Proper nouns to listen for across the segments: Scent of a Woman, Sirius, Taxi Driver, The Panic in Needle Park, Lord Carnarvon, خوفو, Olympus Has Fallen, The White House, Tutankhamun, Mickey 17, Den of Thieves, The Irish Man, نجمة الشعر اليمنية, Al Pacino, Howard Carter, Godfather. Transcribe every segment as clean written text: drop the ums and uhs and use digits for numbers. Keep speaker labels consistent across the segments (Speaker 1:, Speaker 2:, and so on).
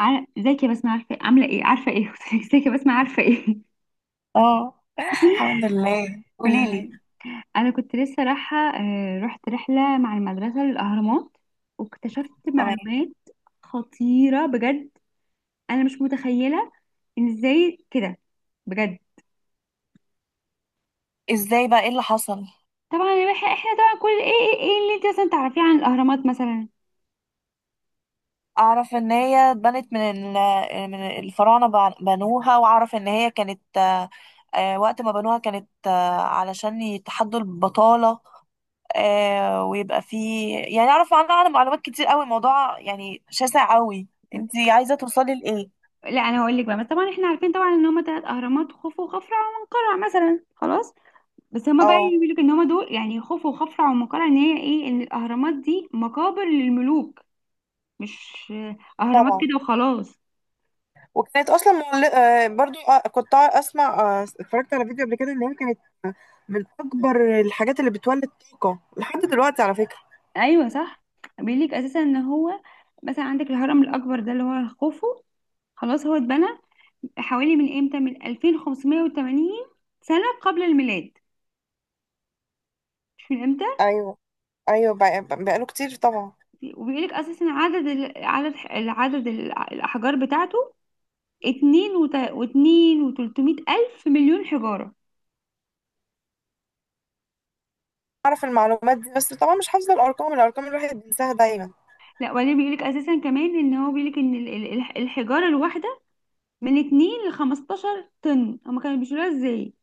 Speaker 1: ازيك يا بسمة، عارفة عاملة ايه؟ عارفة ايه؟ ازيك يا بسمة، عارفة ايه؟
Speaker 2: اه، الحمد لله،
Speaker 1: كل
Speaker 2: قولي
Speaker 1: حاجة.
Speaker 2: لي.
Speaker 1: انا كنت لسه رايحة، رحت رحلة مع المدرسة للأهرامات، واكتشفت
Speaker 2: تمام.
Speaker 1: معلومات خطيرة بجد. انا مش متخيلة ان ازاي كده، بجد.
Speaker 2: ازاي بقى، ايه اللي حصل؟
Speaker 1: طبعا يا بحي احنا طبعا كل ايه اللي انت مثلا تعرفيه عن الأهرامات مثلا.
Speaker 2: اعرف ان هي اتبنت من الفراعنه، بنوها، واعرف ان هي كانت، وقت ما بنوها كانت، علشان يتحدوا البطاله، ويبقى في، يعني اعرف عنها معلومات كتير قوي. الموضوع يعني شاسع قوي. انت عايزه توصلي لايه؟
Speaker 1: لا انا هقول لك بقى، بس طبعا احنا عارفين طبعا ان هما تلات اهرامات، خوفو وخفرع ومنقرع مثلا، خلاص. بس هما بقى
Speaker 2: اه
Speaker 1: بيقولوا ان هما دول يعني خوف وخفرع، ومقالة ان هي ايه، ان الاهرامات دي مقابر للملوك، مش اهرامات
Speaker 2: طبعا.
Speaker 1: كده وخلاص.
Speaker 2: وكانت اصلا مغل... آه، برضو، كنت اسمع، اتفرجت على فيديو قبل كده ان هي كانت، آه، من اكبر الحاجات اللي بتولد طاقه لحد دلوقتي على فكره.
Speaker 1: ايوه صح. بيقول لك اساسا ان هو مثلا عندك الهرم الاكبر ده اللي هو خوفو، خلاص هو اتبنى حوالي من 2580 سنة قبل الميلاد، مش من امتى.
Speaker 2: ايوه، بقاله كتير طبعا.
Speaker 1: وبيقول لك اساسا عدد الاحجار بتاعته، اتنين وت- واتنين وتلتمية الف مليون حجارة.
Speaker 2: اعرف المعلومات دي، بس طبعا مش حافظه الارقام، الواحد بينساها دايما.
Speaker 1: لا وبعدين بيقولك اساسا كمان ان هو بيقولك ان الحجاره الواحده من 2 ل 15 طن، هما كانوا بيشيلوها ازاي؟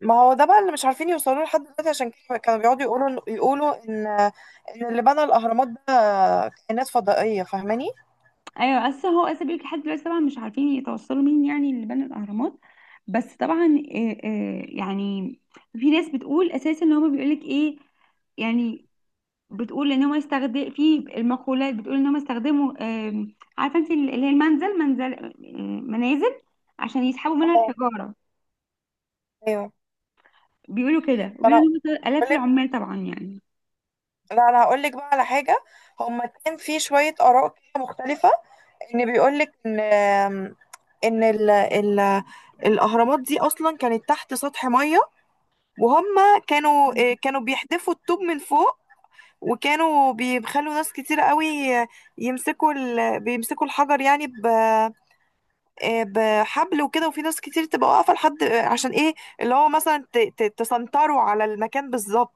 Speaker 2: ما هو ده بقى اللي مش عارفين يوصلوا له لحد دلوقتي، عشان كده كانوا بيقعدوا يقولوا ان، ان اللي بنى الاهرامات ده كائنات فضائيه، فاهماني.
Speaker 1: ايوه اساسا هو اساسا بيقولك لحد دلوقتي طبعا مش عارفين يتوصلوا مين يعني اللي بنى الاهرامات، بس طبعا يعني في ناس بتقول اساسا ان هما بيقولك ايه يعني، بتقول ان هم يستخدم في المقولات، بتقول ان هم استخدموا، عارفه انت اللي هي المنزل منزل، منازل، عشان يسحبوا منها
Speaker 2: اه.
Speaker 1: الحجاره.
Speaker 2: ايوه.
Speaker 1: بيقولوا كده،
Speaker 2: انا هقول
Speaker 1: وبيقولوا ان هم الاف
Speaker 2: لك
Speaker 1: العمال طبعا يعني.
Speaker 2: لا انا هقول لك بقى على حاجه. هما كان في شويه اراء كده مختلفه. ان بيقولك ان، ان ال ال الاهرامات دي اصلا كانت تحت سطح ميه، وهم كانوا، كانوا بيحدفوا الطوب من فوق، وكانوا بيخلوا ناس كتير قوي بيمسكوا الحجر يعني ب...، بحبل وكده، وفي ناس كتير تبقى واقفه لحد، عشان ايه، اللي هو مثلا تسنطروا على المكان بالظبط.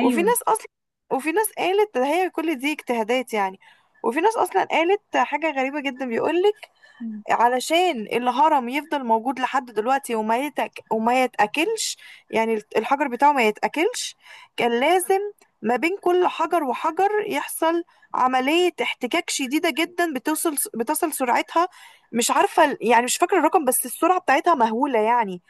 Speaker 2: وفي ناس اصلا وفي ناس قالت هي كل دي اجتهادات يعني. وفي ناس اصلا قالت حاجه غريبه جدا، بيقولك
Speaker 1: مم.
Speaker 2: علشان الهرم يفضل موجود لحد دلوقتي، وما يتأكلش، يعني الحجر بتاعه ما يتأكلش، كان لازم ما بين كل حجر وحجر يحصل عملية احتكاك شديدة جدا، بتصل سرعتها، مش عارفة يعني مش فاكرة الرقم، بس السرعة بتاعتها مهولة يعني،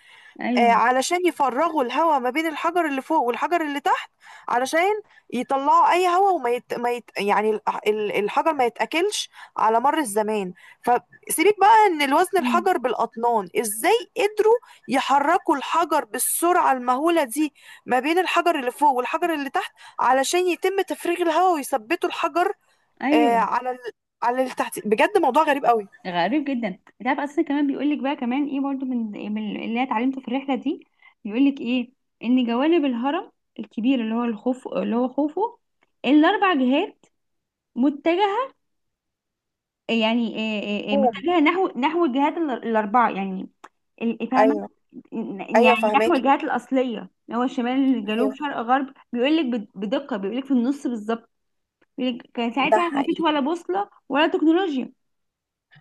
Speaker 1: ايوه.
Speaker 2: علشان يفرغوا الهواء ما بين الحجر اللي فوق والحجر اللي تحت، علشان يطلعوا اي هواء، وما يت... ما يت... يعني ال- ال- الحجر ما يتاكلش على مر الزمان. فسيبك بقى ان الوزن
Speaker 1: مم.
Speaker 2: الحجر بالاطنان، ازاي قدروا يحركوا الحجر بالسرعه المهوله دي ما بين الحجر اللي فوق والحجر اللي تحت، علشان يتم تفريغ الهواء ويثبتوا الحجر، آه،
Speaker 1: ايوه
Speaker 2: على ال... على اللي تحت. بجد موضوع غريب قوي.
Speaker 1: غريب جدا. انت عارف اصلا كمان بيقول لك بقى كمان ايه برضو، من اللي انا اتعلمته في الرحله دي، بيقول لك ايه، ان جوانب الهرم الكبير اللي هو الخوف اللي هو خوفه، الاربع جهات متجهه، يعني إيه إيه إيه
Speaker 2: أوه.
Speaker 1: متجهه نحو الجهات الاربعه يعني، ال- إيه، فاهمه؟
Speaker 2: ايوه، ايوه
Speaker 1: يعني نحو
Speaker 2: فهماكي.
Speaker 1: الجهات الاصليه، اللي هو شمال جنوب
Speaker 2: ايوه
Speaker 1: شرق غرب، بيقول لك بدقه، بيقول لك في النص بالظبط، بيقول لك كان
Speaker 2: ده
Speaker 1: ساعتها ما فيش
Speaker 2: حقيقي.
Speaker 1: ولا بوصله ولا تكنولوجيا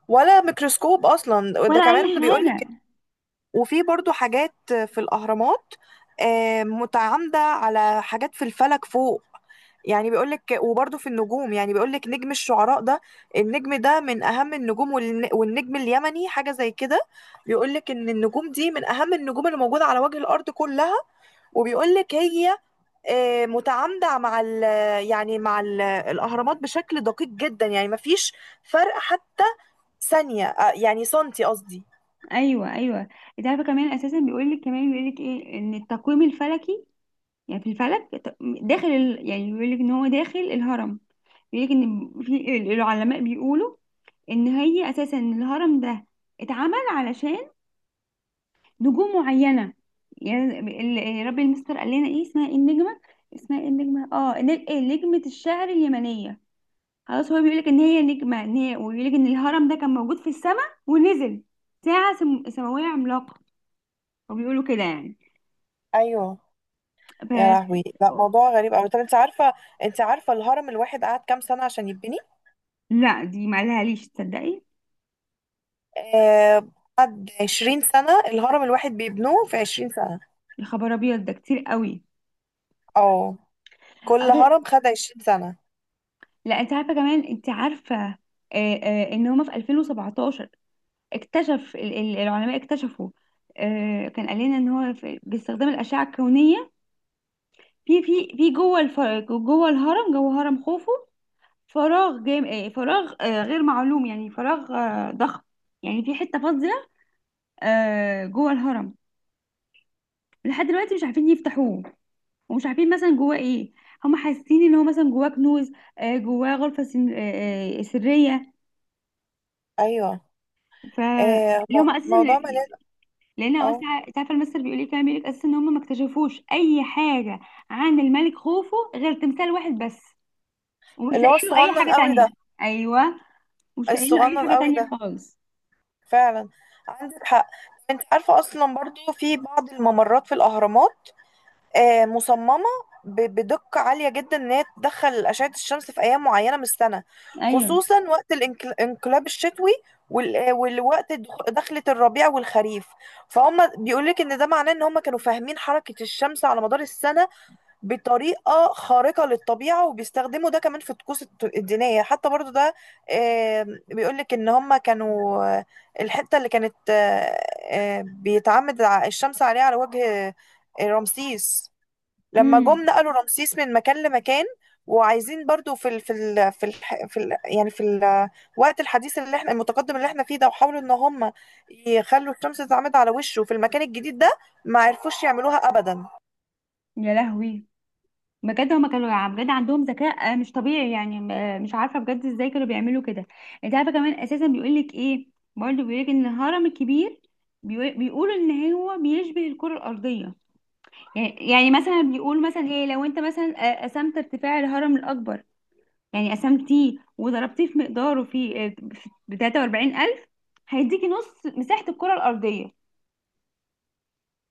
Speaker 2: ولا ميكروسكوب اصلا ده
Speaker 1: ولا اي
Speaker 2: كمان بيقولك.
Speaker 1: حاجه.
Speaker 2: وفي برضو حاجات في الاهرامات، متعامده على حاجات في الفلك فوق، يعني بيقولك، وبرضو في النجوم يعني بيقولك نجم الشعراء ده، النجم ده من اهم النجوم، والنجم اليمني حاجه زي كده. بيقولك ان النجوم دي من اهم النجوم اللي موجوده على وجه الارض كلها، وبيقولك هي، متعامده مع ال يعني مع ال الاهرامات بشكل دقيق جدا، يعني مفيش فرق حتى ثانيه، يعني سنتي قصدي.
Speaker 1: ايوه ايوه. انت عارفه كمان اساسا بيقول لك كمان بيقول لك ايه، ان التقويم الفلكي يعني في الفلك، يعني بيقول لك ان هو داخل الهرم، بيقول لك ان في العلماء بيقولوا ان هي اساسا الهرم ده اتعمل علشان نجوم معينه، يعني ربي المستر قال لنا ايه اسمها، ايه النجمه، اسمها ايه النجمه، اه ن- إيه، نجمه الشعر اليمنيه. خلاص هو بيقول لك ان هي نجمه، ان هي وبيقول لك ان الهرم ده كان موجود في السماء ونزل، سماويه عملاقه، وبيقولوا كده يعني.
Speaker 2: ايوه.
Speaker 1: ف...
Speaker 2: يا لهوي، لا موضوع غريب قوي. طب انت عارفه انت عارفه الهرم الواحد قعد كام سنه عشان يبني؟
Speaker 1: لا دي ما ليش تصدقي.
Speaker 2: آه، قعد 20 سنه. الهرم الواحد بيبنوه في 20 سنه.
Speaker 1: يا خبر ابيض ده كتير قوي.
Speaker 2: اه كل
Speaker 1: أصل-
Speaker 2: هرم خد 20 سنه.
Speaker 1: لا انت عارفه كمان، انت عارفه، ان هما في 2017 العلماء اكتشفوا، كان قال لنا ان هو باستخدام الاشعه الكونيه في جوه الهرم، جوه هرم خوفو، فراغ غير معلوم، يعني فراغ ضخم، يعني في حته فاضيه، جوه الهرم. لحد دلوقتي مش عارفين يفتحوه، ومش عارفين مثلا جواه ايه. هم حاسين ان هو مثلا جواه كنوز، جواه غرفه سن... آه، آه، سريه.
Speaker 2: ايوه،
Speaker 1: ف
Speaker 2: آه،
Speaker 1: اللي
Speaker 2: مو-
Speaker 1: هم اساسا،
Speaker 2: موضوع مليان.
Speaker 1: لان هو
Speaker 2: اه
Speaker 1: تعرف المثل بيقول ايه، كان بيقول لك اساسا ان هم ما اكتشفوش اي حاجه عن الملك خوفو غير تمثال واحد بس، ومش
Speaker 2: اللي هو
Speaker 1: لاقيين له اي
Speaker 2: الصغنن
Speaker 1: حاجه
Speaker 2: قوي ده.
Speaker 1: تانية. ايوه. مش لاقيين له اي
Speaker 2: الصغنن
Speaker 1: حاجه
Speaker 2: قوي
Speaker 1: تانية
Speaker 2: ده
Speaker 1: خالص.
Speaker 2: فعلا، عندك حق. انت عارفة اصلا برضو في بعض الممرات في الاهرامات، مصممة بدقة عالية جدا، ان هي تدخل اشعة الشمس في ايام معينة من السنة،
Speaker 1: ايوه.
Speaker 2: خصوصا وقت الانقلاب الشتوي، والوقت دخلة الربيع والخريف. فهم بيقولك ان ده معناه ان هم كانوا فاهمين حركة الشمس على مدار السنة بطريقة خارقة للطبيعة، وبيستخدموا ده كمان في الطقوس الدينية، حتى برضو ده، بيقولك ان هم كانوا، الحتة اللي كانت، بيتعمد الشمس عليها على وجه، رمسيس، لما جم
Speaker 1: امم.
Speaker 2: نقلوا رمسيس من مكان لمكان. وعايزين برضو في ال يعني في الوقت الحديث اللي احنا المتقدم اللي احنا فيه ده، وحاولوا ان هم يخلوا الشمس تتعمد على وشه في المكان الجديد ده، ما عرفوش يعملوها ابدا
Speaker 1: يا لهوي. بجد هما كانوا بجد عندهم ذكاء مش طبيعي يعني، مش عارفه بجد ازاي كانوا بيعملوا كده. انت عارفه كمان اساسا بيقول لك ايه، برضه بيقول لك ان الهرم الكبير بيقولوا ان هو بيشبه الكره الارضيه، يعني مثلا بيقول مثلا ايه، لو انت مثلا قسمت ارتفاع الهرم الاكبر يعني، قسمتيه وضربتيه في مقداره في ب 43,000، هيديكي نص مساحه الكره الارضيه.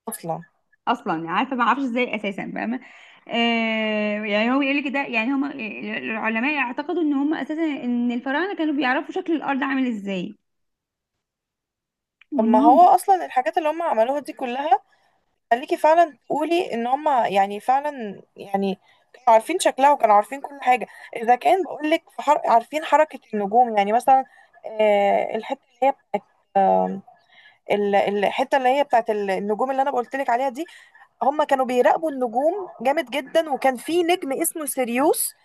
Speaker 2: اصلا.
Speaker 1: اصلا يعني عارفه، ما اعرفش ازاي اساسا فاهمه. آه يعني هو يقول لك ده يعني هم العلماء يعتقدوا ان هم اساسا ان الفراعنه كانوا بيعرفوا شكل الارض عامل ازاي،
Speaker 2: طب ما
Speaker 1: وانهم.
Speaker 2: هو اصلا الحاجات اللي هم عملوها دي كلها، خليكي فعلا تقولي ان هم يعني فعلا يعني كانوا عارفين شكلها وكانوا عارفين كل حاجه. اذا كان بقول لك عارفين حركه النجوم يعني مثلا، آه، الحته اللي هي بتاعت آه، الحته اللي هي بتاعت النجوم اللي انا قلت لك عليها دي. هم كانوا بيراقبوا النجوم جامد جدا، وكان في نجم اسمه سيريوس،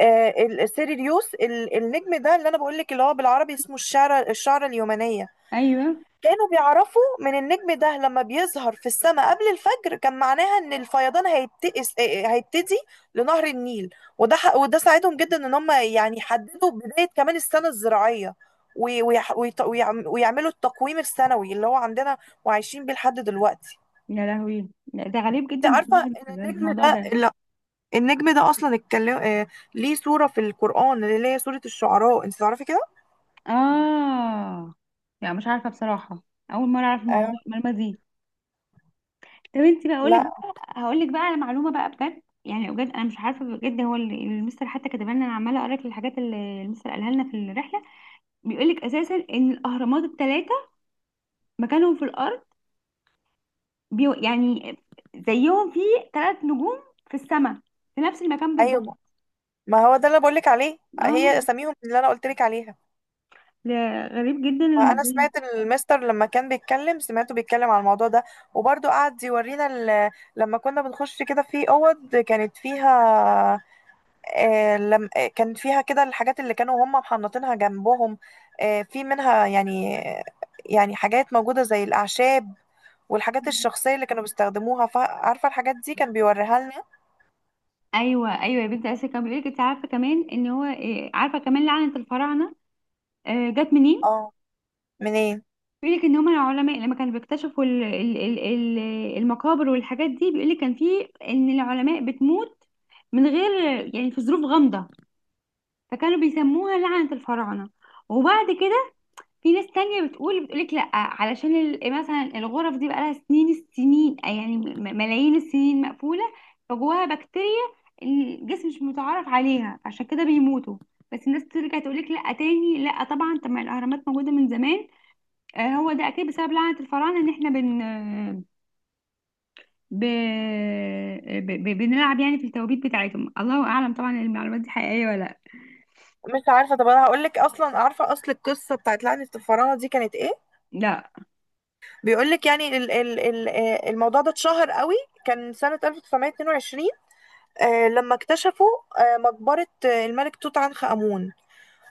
Speaker 2: النجم ده اللي انا بقول لك، اللي هو بالعربي اسمه الشعره اليمنيه.
Speaker 1: ايوه.
Speaker 2: كانوا بيعرفوا من النجم ده لما بيظهر في السماء قبل الفجر كان معناها ان الفيضان هيبتئس آه، آه، هيبتدي لنهر النيل. وده ساعدهم جدا ان هم يعني يحددوا بداية كمان السنة الزراعية، ويعملوا التقويم السنوي اللي هو عندنا، وعايشين بيه لحد دلوقتي.
Speaker 1: يا لهوي. لا، ده غريب
Speaker 2: انت
Speaker 1: جدا
Speaker 2: عارفة
Speaker 1: بصراحه
Speaker 2: ان النجم
Speaker 1: الموضوع
Speaker 2: ده،
Speaker 1: ده.
Speaker 2: لا النجم ده اصلا اتكلم، ليه سورة في القرآن اللي هي سورة الشعراء، انت تعرفي كده؟
Speaker 1: اه يعني مش عارفه بصراحه، اول مره اعرف
Speaker 2: أيوة.
Speaker 1: المعلومه دي. طب انت بقى اقول لك
Speaker 2: لا.
Speaker 1: بقى، هقول لك بقى على معلومه بقى بجد، يعني بجد انا مش عارفه بجد، هو اللي المستر حتى كاتبها لنا، انا عماله اقرا لك الحاجات اللي المستر قالها لنا في الرحله. بيقولك اساسا ان الاهرامات الثلاثه مكانهم في الارض، يعني زيهم في ثلاث نجوم في السماء، في نفس المكان بالظبط.
Speaker 2: ايوه ما هو ده اللي بقولك عليه،
Speaker 1: اه.
Speaker 2: هي اساميهم اللي انا قلتلك عليها.
Speaker 1: لا، غريب جدا
Speaker 2: وانا
Speaker 1: الموضوع.
Speaker 2: سمعت المستر لما كان بيتكلم سمعته بيتكلم على الموضوع ده، وبرضه قعد يورينا لما كنا بنخش كده في اوض كانت فيها، آه، لم آه، كان فيها كده الحاجات اللي كانوا هم محنطينها جنبهم، في منها يعني، يعني حاجات موجودة زي الاعشاب والحاجات الشخصية اللي كانوا بيستخدموها، عارفة الحاجات دي كان بيوريها لنا.
Speaker 1: ايوه ايوه يا بنتي، اساسا كان بيقولك انت عارفه كمان ان هو عارفه كمان لعنه الفراعنه، جت منين؟
Speaker 2: اه منين.
Speaker 1: بيقولك ان هم العلماء لما كانوا بيكتشفوا المقابر والحاجات دي، بيقولك كان في ان العلماء بتموت من غير، يعني في ظروف غامضة، فكانوا بيسموها لعنة الفراعنة. وبعد كده في ناس تانية بتقول بتقولك لأ، علشان مثلا الغرف دي بقالها سنين السنين يعني ملايين السنين مقفولة، فجواها بكتيريا الجسم مش متعرف عليها، عشان كده بيموتوا. بس الناس ترجع تقولك لأ تاني، لأ طبعا، طب ما الأهرامات موجودة من زمان، هو ده أكيد بسبب لعنة الفراعنة، إن احنا بن ب... ب... ب... بنلعب يعني في التوابيت بتاعتهم. الله أعلم طبعا المعلومات دي حقيقية ولا لأ.
Speaker 2: مش عارفة، طب انا هقولك اصلا عارفة اصل القصة بتاعت لعنة الفراعنة دي كانت ايه.
Speaker 1: لأ.
Speaker 2: بيقولك يعني الموضوع ده اتشهر قوي، كان سنة 1922، لما اكتشفوا، مقبرة، الملك توت عنخ آمون.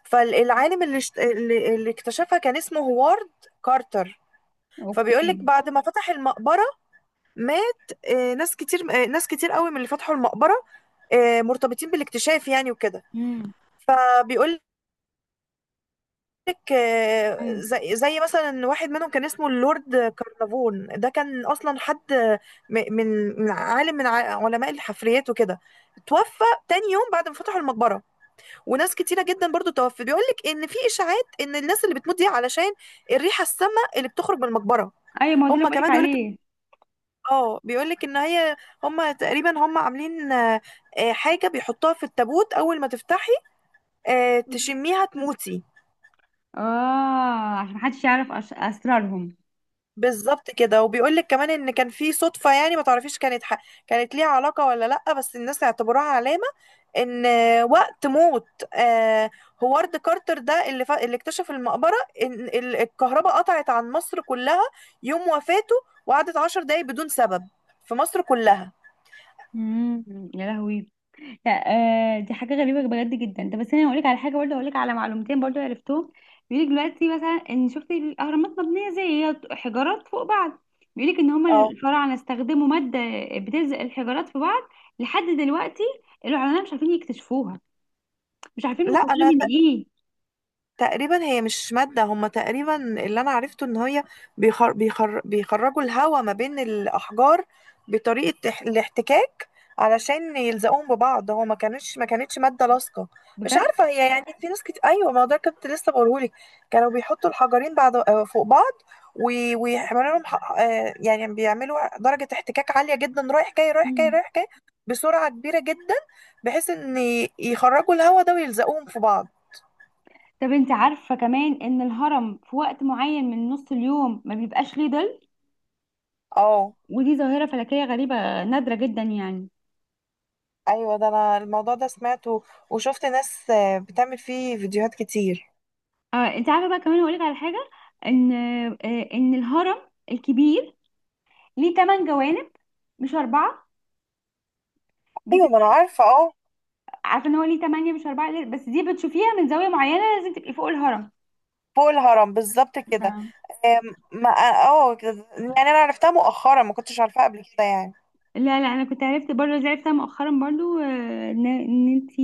Speaker 2: فالعالم اللي اشت- اللي اللي اكتشفها كان اسمه هوارد كارتر. فبيقولك
Speaker 1: أوكي.
Speaker 2: بعد ما فتح المقبرة مات، ناس كتير قوي من اللي فتحوا المقبرة، مرتبطين بالاكتشاف يعني وكده.
Speaker 1: امم.
Speaker 2: فبيقول لك، آه، زي زي مثلا واحد منهم كان اسمه اللورد كارنافون، ده كان اصلا حد م- من من علماء الحفريات وكده، توفى تاني يوم بعد ما فتحوا المقبره، وناس كتيره جدا برضو توفت. بيقول لك ان في اشاعات ان الناس اللي بتموت دي علشان الريحه السامه اللي بتخرج من المقبره.
Speaker 1: ايوه ما هو ده اللي
Speaker 2: هم
Speaker 1: بقولك
Speaker 2: كمان بيقول لك،
Speaker 1: عليه.
Speaker 2: اه بيقول لك ان هي، هم تقريبا هم عاملين، حاجه بيحطوها في التابوت، اول ما تفتحي، تشميها تموتي.
Speaker 1: اه عشان محدش يعرف اسرارهم.
Speaker 2: بالظبط كده. وبيقول لك كمان ان كان في صدفه يعني، ما تعرفيش كانت كانت ليها علاقه ولا لا، بس الناس اعتبروها علامه ان وقت موت، آه، هوارد كارتر ده اللي اكتشف المقبره، ان الكهرباء قطعت عن مصر كلها يوم وفاته، وقعدت عشر دقايق بدون سبب في مصر كلها.
Speaker 1: امم. يا لهوي. لا آه دي حاجه غريبه بجد جدا ده، بس انا هقول لك على حاجه برضه، هقول لك على معلومتين برضه عرفتهم. بيقول لك دلوقتي مثلا ان شفتي الاهرامات مبنيه، زي هي حجارات فوق بعض، بيقول لك ان هم
Speaker 2: اه.
Speaker 1: الفراعنه استخدموا ماده بتلزق الحجارات في بعض، لحد دلوقتي العلماء مش عارفين يكتشفوها، مش عارفين
Speaker 2: لا
Speaker 1: مكونه
Speaker 2: انا
Speaker 1: من ايه.
Speaker 2: تقريبا هي مش مادة، هما تقريبا اللي أنا عرفته إن هي، بيخرجوا الهواء ما بين الأحجار بطريقة الاحتكاك، علشان يلزقوهم ببعض. هو ما كانتش مادة لاصقة. مش
Speaker 1: بجد.
Speaker 2: عارفة هي، يعني في ناس كتير، أيوة ما هو ده كنت لسه بقولهولك، كانوا بيحطوا الحجرين بعض، فوق بعض، و- ويعملوا لهم ح- آه، يعني بيعملوا درجة احتكاك عالية جدا،
Speaker 1: مم.
Speaker 2: رايح جاي، بسرعة كبيرة جدا، بحيث إن يخرجوا الهواء ده ويلزقوهم في بعض.
Speaker 1: طب انت عارفه كمان ان الهرم في وقت معين من نص اليوم ما بيبقاش ليه ظل،
Speaker 2: اه.
Speaker 1: ودي ظاهرة فلكية غريبة نادرة جدا يعني.
Speaker 2: ايوه ده انا الموضوع ده سمعته، وشفت ناس، بتعمل فيه فيديوهات كتير.
Speaker 1: آه انت عارفة بقى كمان هقولك على حاجة، ان آه ان الهرم الكبير ليه تمن جوانب مش أربعة بس.
Speaker 2: ايوه
Speaker 1: انت
Speaker 2: ما انا عارفه اه.
Speaker 1: عارفة ان هو ليه تمانية مش أربعة بس دي بتشوفيها من زاوية معينة، لازم تبقي فوق الهرم.
Speaker 2: فوق الهرم بالظبط كده.
Speaker 1: ف-
Speaker 2: آم، ما اه كده- يعني انا عرفتها مؤخرا، ما كنتش عارفاها قبل كده يعني.
Speaker 1: لا لا انا كنت عرفت برضه زي عرفتها مؤخرا برضه، ان انت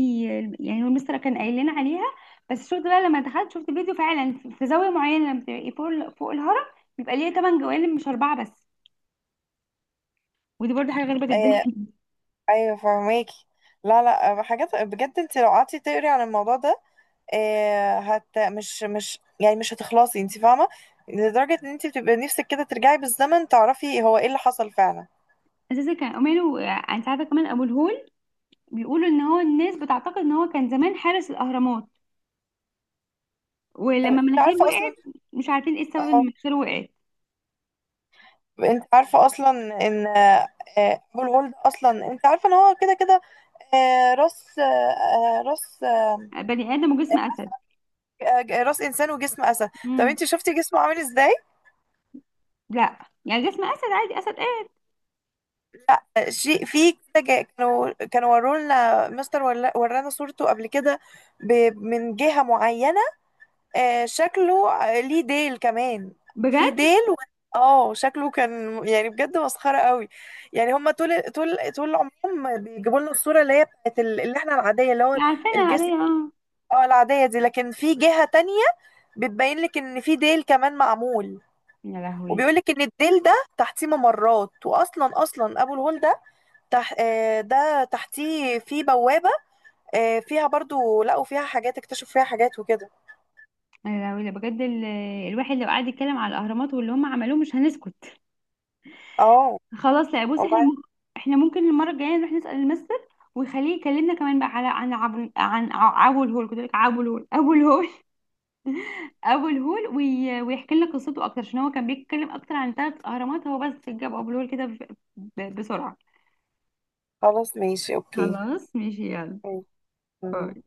Speaker 1: يعني هو المستر كان قايل لنا عليها، بس شفت بقى لما دخلت شفت فيديو فعلا في زاوية معينة لما بتبقي فوق فوق الهرم بيبقى ليه تمن جوانب مش أربعة بس، ودي برضه حاجة غريبة جدا.
Speaker 2: آه، ايوه فهماكي. لا لا آه، حاجات بجد، انت لو قعدتي تقري عن الموضوع ده، آه، هت مش مش هتخلصي، انت فاهمه، لدرجه ان انت بتبقى نفسك كده ترجعي بالزمن تعرفي هو ايه اللي حصل فعلا.
Speaker 1: اساسا كان عمانه. انت عارفه كمان ابو الهول، بيقولوا ان هو الناس بتعتقد ان هو كان زمان حارس الاهرامات،
Speaker 2: طب
Speaker 1: ولما
Speaker 2: انت
Speaker 1: مناخيره
Speaker 2: عارفه اصلا،
Speaker 1: وقعت مش عارفين ايه السبب ان
Speaker 2: اه
Speaker 1: مناخيره وقعت.
Speaker 2: انت عارفة اصلا ان، ابو الهول ده اصلا انت عارفة ان هو كده كده، آه، راس آه، آه، راس آه،
Speaker 1: بني ادم وجسم اسد.
Speaker 2: آه، راس انسان وجسم اسد. طب
Speaker 1: مم.
Speaker 2: انت شفتي جسمه عامل ازاي؟
Speaker 1: لا يعني جسم اسد عادي، اسد ايه.
Speaker 2: آه، شيء في كده جا- كانوا كانوا ورونا مستر ورانا صورته قبل كده من جهة معينة، آه شكله، ليه ديل كمان، في
Speaker 1: بجد.
Speaker 2: ديل اه شكله كان، يعني بجد مسخرة قوي. يعني هما طول عمرهم بيجيبوا لنا الصورة اللي هي بتاعت اللي احنا العادية، اللي هو
Speaker 1: عارفينها عليا
Speaker 2: الجسم،
Speaker 1: اه.
Speaker 2: اه العادية دي. لكن في جهة تانية بتبين لك ان في ديل كمان معمول،
Speaker 1: يا لهوي.
Speaker 2: وبيقول لك ان الديل ده تحتيه ممرات، اصلا ابو الهول ده تح... آه، ده تحتيه في بوابة، فيها برضو لقوا فيها حاجات، اكتشفوا فيها حاجات وكده.
Speaker 1: يا لهوي ده بجد الواحد لو قعد يتكلم على الاهرامات واللي هم عملوه مش هنسكت.
Speaker 2: اه
Speaker 1: خلاص لا بص
Speaker 2: والله.
Speaker 1: احنا ممكن المره الجايه نروح نسال المستر، ويخليه يكلمنا كمان بقى على عن عبو عن ع- عبو الهول كنت بقول لك عبو الهول ابو الهول، ابو الهول ويحكي لك قصته اكتر، عشان هو كان بيتكلم اكتر عن ثلاث اهرامات، هو بس جاب ابو الهول كده بسرعه.
Speaker 2: خلاص ماشي، اوكي.
Speaker 1: خلاص ماشي يلا.
Speaker 2: أيوة.
Speaker 1: باي.